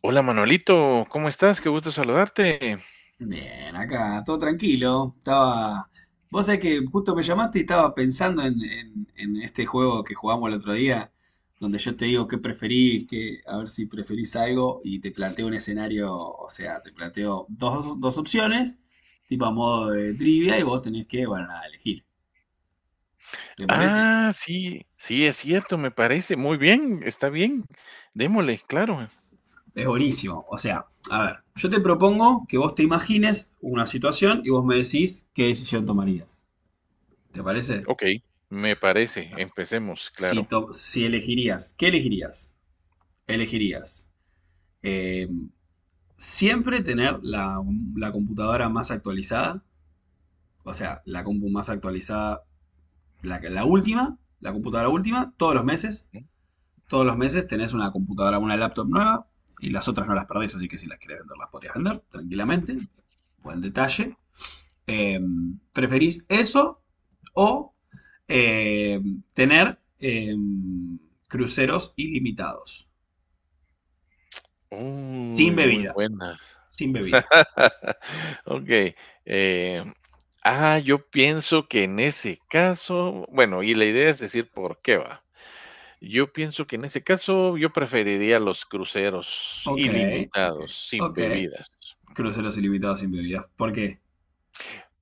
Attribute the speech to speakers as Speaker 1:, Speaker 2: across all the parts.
Speaker 1: Hola Manolito, ¿cómo estás? Qué gusto saludarte.
Speaker 2: Bien, acá, todo tranquilo. Estaba. Vos sabés que justo me llamaste y estaba pensando en este juego que jugamos el otro día, donde yo te digo qué preferís, que a ver si preferís algo, y te planteo un escenario, o sea, te planteo dos opciones, tipo a modo de trivia, y vos tenés que, bueno, nada, elegir. ¿Te parece?
Speaker 1: Ah, sí, sí, es cierto, me parece. Muy bien, está bien. Démosle, claro.
Speaker 2: Es buenísimo. O sea, a ver, yo te propongo que vos te imagines una situación y vos me decís qué decisión tomarías. ¿Te parece?
Speaker 1: Ok, me parece. Empecemos,
Speaker 2: Si,
Speaker 1: claro.
Speaker 2: to- si elegirías, ¿qué elegirías? ¿Elegirías eh, siempre tener la computadora más actualizada? O sea, la compu más actualizada, la última, la computadora última, todos los meses.
Speaker 1: Mm.
Speaker 2: Todos los meses tenés una computadora, una laptop nueva y las otras no las perdés, así que si las querés vender, las podrías vender tranquilamente. Buen
Speaker 1: Ujú.
Speaker 2: detalle. Eh, ¿Preferís eso o eh, tener cruceros ilimitados? Sin
Speaker 1: Uy, muy
Speaker 2: bebida.
Speaker 1: buenas.
Speaker 2: Sin bebida.
Speaker 1: Ok. eh, yo pienso que en ese caso, bueno, y la idea es decir por qué va. Yo pienso que en ese caso yo preferiría los cruceros
Speaker 2: Ok, ok,
Speaker 1: ilimitados, sin
Speaker 2: ok.
Speaker 1: bebidas.
Speaker 2: Cruceros ilimitados sin bebidas. ¿Por qué?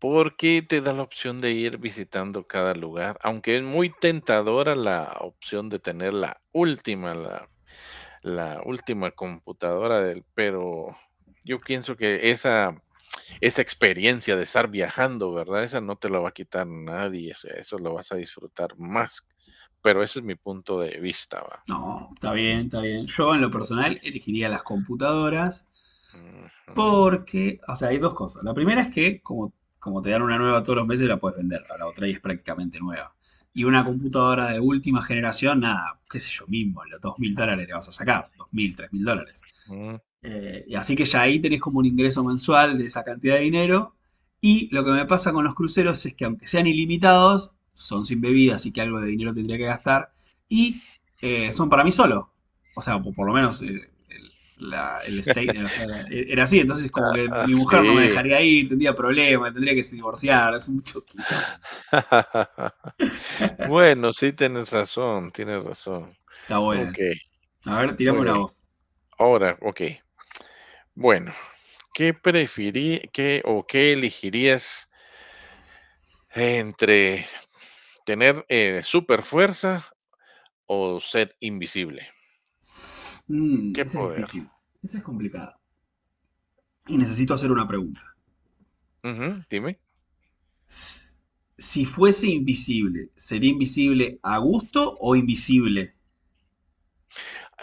Speaker 1: Porque te da la opción de ir visitando cada lugar, aunque es muy tentadora la opción de tener la última, la última computadora del pero yo pienso que esa experiencia de estar viajando, ¿verdad? Esa no te la va a quitar nadie, o sea, eso lo vas a disfrutar más, pero ese es mi punto de vista, ¿va?
Speaker 2: No, está bien, está bien. Yo en lo personal elegiría las computadoras
Speaker 1: Ujú.
Speaker 2: porque, o sea, hay dos cosas. La primera es que como, te dan una nueva todos los meses la puedes vender, a la otra y es prácticamente nueva. Y una computadora de última generación, nada, qué sé yo mismo, los $2.000 le vas a sacar, 2.000, $3.000.
Speaker 1: Mm.
Speaker 2: Y así que ya ahí tenés como un ingreso mensual de esa cantidad de dinero. Y lo que me pasa con los cruceros es que aunque sean ilimitados, son sin bebida, así que algo de dinero tendría que gastar. Y son para mí solo. O sea, por lo menos el, la- el state- o sea, era así. Entonces como que
Speaker 1: Ah,
Speaker 2: mi mujer no me
Speaker 1: sí.
Speaker 2: dejaría ir, tendría problemas, tendría que divorciar. Es mucho quilombo.
Speaker 1: Bueno, sí tienes razón, tienes razón.
Speaker 2: Está buena esa.
Speaker 1: Okey,
Speaker 2: A ver, tirame
Speaker 1: muy
Speaker 2: una
Speaker 1: bien.
Speaker 2: voz.
Speaker 1: Ahora, ok. Bueno, ¿qué preferí, qué o qué elegirías entre tener super fuerza o ser invisible? ¿Qué
Speaker 2: Esa es
Speaker 1: poder?
Speaker 2: difícil. Esa es complicada. Y necesito hacer una pregunta.
Speaker 1: Ujú, dime.
Speaker 2: Si fuese invisible, ¿sería invisible a gusto o invisible?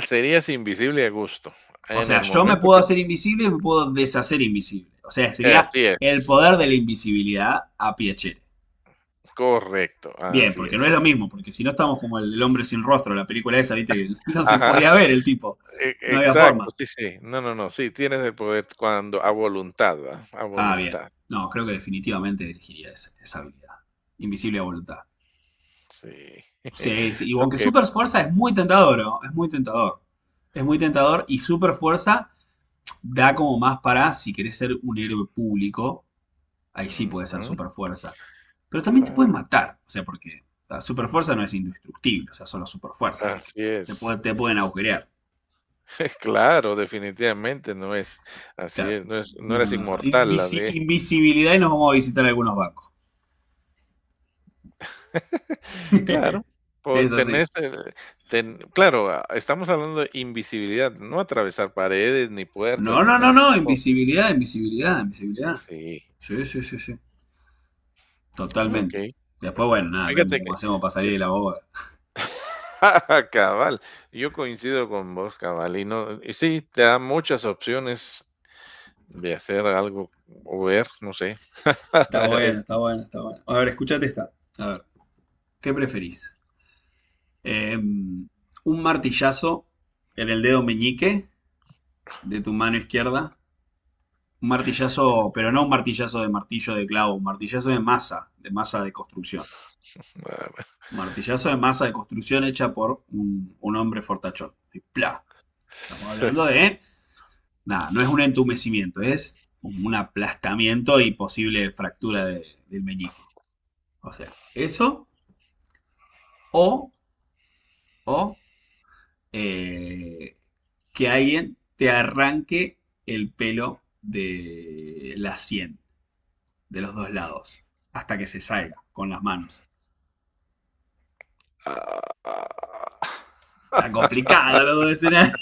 Speaker 1: Serías invisible a gusto
Speaker 2: O
Speaker 1: en
Speaker 2: sea,
Speaker 1: el
Speaker 2: yo me
Speaker 1: momento
Speaker 2: puedo
Speaker 1: que
Speaker 2: hacer invisible y me puedo deshacer invisible. O sea, sería
Speaker 1: así
Speaker 2: el
Speaker 1: es,
Speaker 2: poder de la invisibilidad a Piacere.
Speaker 1: correcto,
Speaker 2: Bien,
Speaker 1: así
Speaker 2: porque no
Speaker 1: es.
Speaker 2: es lo mismo, porque si no estamos como el hombre sin rostro, la película esa, viste, que no se
Speaker 1: Ajá,
Speaker 2: podía ver el tipo.
Speaker 1: e
Speaker 2: No había
Speaker 1: exacto,
Speaker 2: forma.
Speaker 1: sí, sí. No, no, no, sí, tienes el poder cuando a voluntad, ¿verdad? A
Speaker 2: Ah, bien.
Speaker 1: voluntad,
Speaker 2: No, creo que definitivamente elegiría esa habilidad. Invisible a voluntad.
Speaker 1: sí.
Speaker 2: Sí, sí, y aunque
Speaker 1: Okey.
Speaker 2: super fuerza es muy tentador, ¿no? Es muy tentador. Es muy tentador y super fuerza da como más para si querés ser un héroe público, ahí sí puede ser
Speaker 1: Ujú,
Speaker 2: super fuerza. Pero también te pueden
Speaker 1: claro,
Speaker 2: matar, o sea, porque la super fuerza no es indestructible, o sea, solo super fuerza, así que
Speaker 1: así
Speaker 2: te,
Speaker 1: es.
Speaker 2: puede- te pueden agujerear.
Speaker 1: Claro, definitivamente no es así
Speaker 2: Claro.
Speaker 1: es no
Speaker 2: No,
Speaker 1: eres
Speaker 2: no.
Speaker 1: inmortal,
Speaker 2: Invisi-
Speaker 1: así es.
Speaker 2: invisibilidad y nos vamos a visitar algunos bancos.
Speaker 1: Claro, po
Speaker 2: Es así.
Speaker 1: tenés el ten claro, ah, estamos hablando de invisibilidad, no atravesar paredes, ni puertas,
Speaker 2: No,
Speaker 1: ni
Speaker 2: no, no,
Speaker 1: nada
Speaker 2: no.
Speaker 1: tampoco.
Speaker 2: Invisibilidad, invisibilidad, invisibilidad.
Speaker 1: Sí,
Speaker 2: Sí, sí, sí, sí. Totalmente.
Speaker 1: okey.
Speaker 2: Después,
Speaker 1: Em,
Speaker 2: bueno, nada, vemos
Speaker 1: Fíjate que
Speaker 2: cómo hacemos para salir
Speaker 1: sí.
Speaker 2: de la boda.
Speaker 1: Cabal, yo coincido con vos, cabal, y no y sí, te da muchas opciones de hacer algo o ver, no sé.
Speaker 2: Está bueno,
Speaker 1: Es-
Speaker 2: está bueno, está bueno. A ver, escuchate esta. A ver, ¿qué preferís? Eh, un martillazo en el dedo meñique de tu mano izquierda. Un martillazo, pero no un martillazo de martillo de clavo, un martillazo de masa, de masa de construcción.
Speaker 1: ah, bueno.
Speaker 2: Un martillazo de masa de construcción hecha por un hombre fortachón. Y ¡plá! Estamos
Speaker 1: Sí.
Speaker 2: hablando de. Nada, no es un entumecimiento, es un aplastamiento y posible fractura del meñique. O sea, eso o, o eh, que alguien te arranque el pelo de la sien, de los dos lados, hasta que se salga con las manos.
Speaker 1: Ah, ah.
Speaker 2: Está complicado los dos escenarios.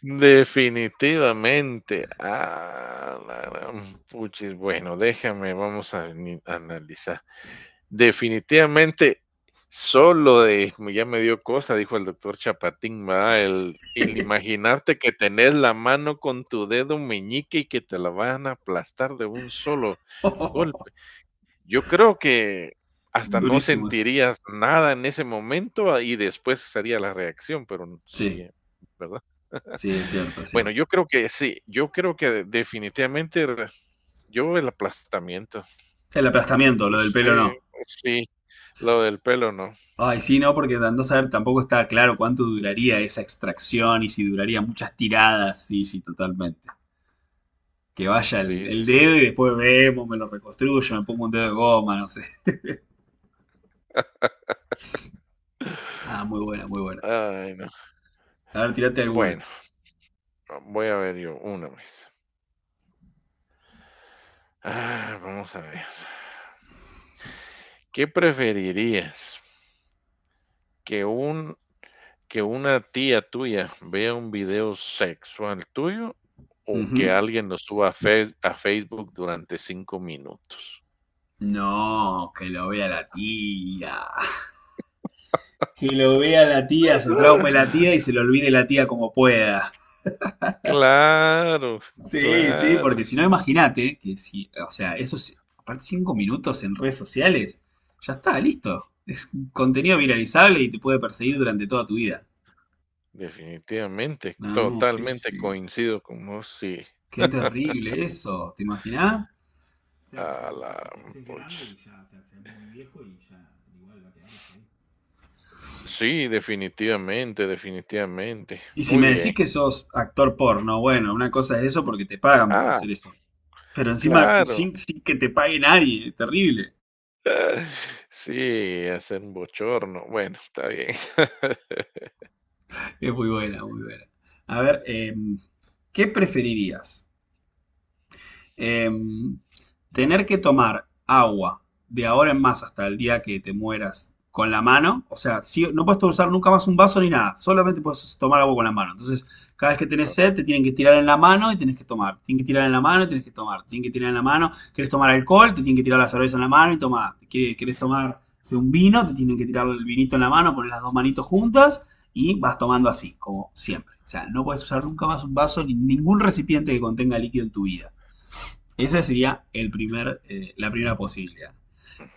Speaker 1: Definitivamente. Ah, la gran puchis. Bueno, déjame, vamos a ni- analizar. Definitivamente, solo de, ya me dio cosa, dijo el doctor Chapatín, ¿verdad? El imaginarte que tenés la mano con tu dedo meñique y que te la van a aplastar de un solo golpe. Yo creo que hasta no
Speaker 2: Durísimo eso.
Speaker 1: sentirías nada en ese momento ah, y después sería la reacción, pero sí,
Speaker 2: Sí,
Speaker 1: ¿verdad?
Speaker 2: sí, es cierto, es
Speaker 1: Bueno,
Speaker 2: cierto.
Speaker 1: yo creo que sí, yo creo que definitivamente re yo el aplastamiento,
Speaker 2: El aplastamiento,
Speaker 1: no
Speaker 2: lo del pelo
Speaker 1: sé,
Speaker 2: no.
Speaker 1: sí, lo del pelo no.
Speaker 2: Ay, sí, no, porque andás a saber tampoco está claro cuánto duraría esa extracción y si duraría muchas tiradas. Sí, sí, totalmente. Que vaya el,
Speaker 1: Sí,
Speaker 2: el
Speaker 1: sí, sí.
Speaker 2: dedo y después vemos, me lo reconstruyo, me pongo un dedo de goma, no sé. Ah, muy buena, muy buena.
Speaker 1: Ay, no.
Speaker 2: A ver, tirate alguna.
Speaker 1: Bueno, voy a ver yo una vez. Ah, vamos a ver. ¿Qué preferirías? ¿Que un que una tía tuya vea un video sexual tuyo o que
Speaker 2: Ujú.
Speaker 1: alguien lo suba a Face a Facebook durante 5 minutos?
Speaker 2: No, que lo vea la tía. Que lo vea la tía, se traume la tía y se lo olvide la tía como pueda.
Speaker 1: Claro,
Speaker 2: Sí, sí,
Speaker 1: claro,
Speaker 2: porque si no, imagínate que si, o sea, esos, aparte 5 minutos en redes sociales, ya está, listo. Es contenido viralizable y te puede perseguir durante toda tu vida.
Speaker 1: definitivamente,
Speaker 2: No, sí,
Speaker 1: totalmente
Speaker 2: sí.
Speaker 1: coincido con vos, sí,
Speaker 2: Qué terrible eso, ¿te imaginás? O
Speaker 1: a
Speaker 2: sea,
Speaker 1: la
Speaker 2: aparte te haces
Speaker 1: poch
Speaker 2: grande y ya te haces muy viejo y ya igual va a quedar eso ahí.
Speaker 1: sí, definitivamente, definitivamente,
Speaker 2: Y si
Speaker 1: muy
Speaker 2: me decís
Speaker 1: bien.
Speaker 2: que sos actor porno, bueno, una cosa es eso porque te pagan por
Speaker 1: Ah,
Speaker 2: hacer eso. Pero encima,
Speaker 1: claro.
Speaker 2: sin que te pague nadie, es terrible.
Speaker 1: Sí, hacer un bochorno, bueno, está bien.
Speaker 2: Es muy buena, muy buena. A ver, ¿qué preferirías? Eh, tener que tomar agua de ahora en más hasta el día que te mueras con la mano, o sea, no puedes usar nunca más un vaso ni nada, solamente puedes tomar agua con la mano. Entonces, cada vez que tenés
Speaker 1: Ah,
Speaker 2: sed, te tienen que tirar en la mano y tienes que tomar. Tienen que tirar en la mano y tienes que tomar. Tienen que tirar en la mano. ¿Querés tomar alcohol? Te tienen que tirar la cerveza en la mano y tomar. ¿Querés tomar un vino? Te tienen que tirar el vinito en la mano, poner las dos manitos juntas y vas tomando así, como siempre. O sea, no puedes usar nunca más un vaso ni ningún recipiente que contenga líquido en tu vida. Esa sería la primera posibilidad.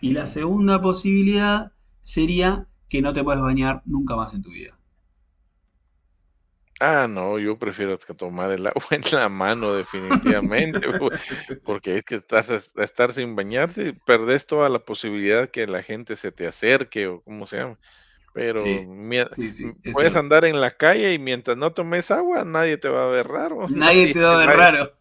Speaker 2: Y la segunda posibilidad sería que no te puedes bañar nunca más en tu vida.
Speaker 1: Ah, no, yo prefiero t tomar el agua en la mano definitivamente. Porque es que estás a estar sin bañarte, perdés toda la posibilidad que la gente se te acerque o cómo se llama, pero
Speaker 2: Sí,
Speaker 1: mie
Speaker 2: sí,
Speaker 1: mm,
Speaker 2: sí, es
Speaker 1: puedes
Speaker 2: cierto.
Speaker 1: andar en la calle y mientras no tomes agua, nadie te va a ver raro,
Speaker 2: Nadie
Speaker 1: nadie
Speaker 2: te va a
Speaker 1: te
Speaker 2: ver
Speaker 1: va a
Speaker 2: raro.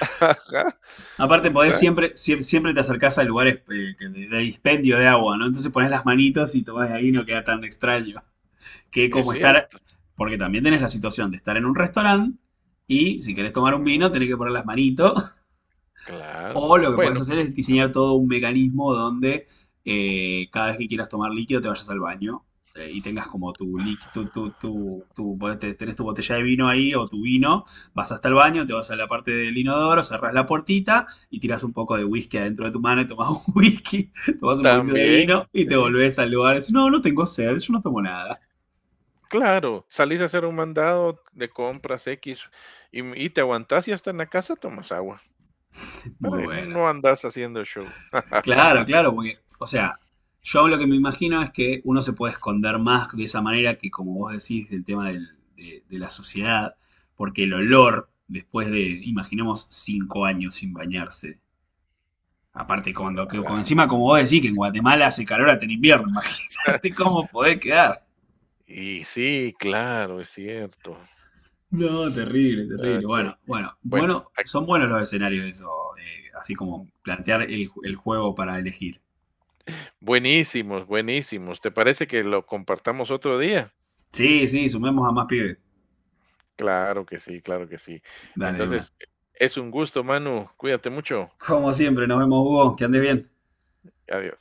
Speaker 1: ajá,
Speaker 2: Aparte, podés
Speaker 1: exacto,
Speaker 2: siempre, siempre te acercás a lugares que de dispendio de agua, ¿no? Entonces pones las manitos y tomás de ahí no queda tan extraño. Que
Speaker 1: es
Speaker 2: como estar,
Speaker 1: cierto.
Speaker 2: porque también tenés la situación de estar en un restaurante y si querés tomar un
Speaker 1: Ujú,
Speaker 2: vino tenés que poner las manitos.
Speaker 1: claro.
Speaker 2: O lo que podés
Speaker 1: Bueno,
Speaker 2: hacer es diseñar todo un mecanismo donde cada vez que quieras tomar líquido te vayas al baño y tengas como tu líquido, tenés tu botella de vino ahí o tu vino, vas hasta el baño, te vas a la parte del inodoro, cerrás la puertita y tiras un poco de whisky adentro de tu mano y tomás un whisky, tomás un poquitito de vino
Speaker 1: también,
Speaker 2: y te
Speaker 1: sí, sí,
Speaker 2: volvés al lugar y decís, no, no tengo sed, yo no tomo nada.
Speaker 1: claro, salís a hacer un mandado de compras X y m y te aguantás y hasta en la casa tomas agua,
Speaker 2: Muy
Speaker 1: para que
Speaker 2: bueno.
Speaker 1: no andas haciendo show.
Speaker 2: Claro, claro, porque, o sea, yo lo que me imagino es que uno se puede esconder más de esa manera que, como vos decís, del tema de la suciedad, porque el olor, después de, imaginemos, 5 años sin bañarse, aparte cuando, que, como encima, como vos
Speaker 1: Claro.
Speaker 2: decís, que en Guatemala hace calor hasta en invierno, imagínate cómo podés quedar.
Speaker 1: Y sí, claro, es cierto.
Speaker 2: No, terrible, terrible.
Speaker 1: Okey.
Speaker 2: Bueno, bueno,
Speaker 1: Bueno,
Speaker 2: bueno,
Speaker 1: ac
Speaker 2: son buenos los escenarios eso, así como
Speaker 1: mm,
Speaker 2: plantear el juego para elegir.
Speaker 1: buenísimos, buenísimos. ¿Te parece que lo compartamos otro día?
Speaker 2: Sí, sí, sumemos a más pibes.
Speaker 1: Claro que sí, claro que sí.
Speaker 2: Dale, de una.
Speaker 1: Entonces, es un gusto, Manu. Cuídate mucho.
Speaker 2: Como siempre, nos vemos, Hugo. Que andes bien.
Speaker 1: Adiós.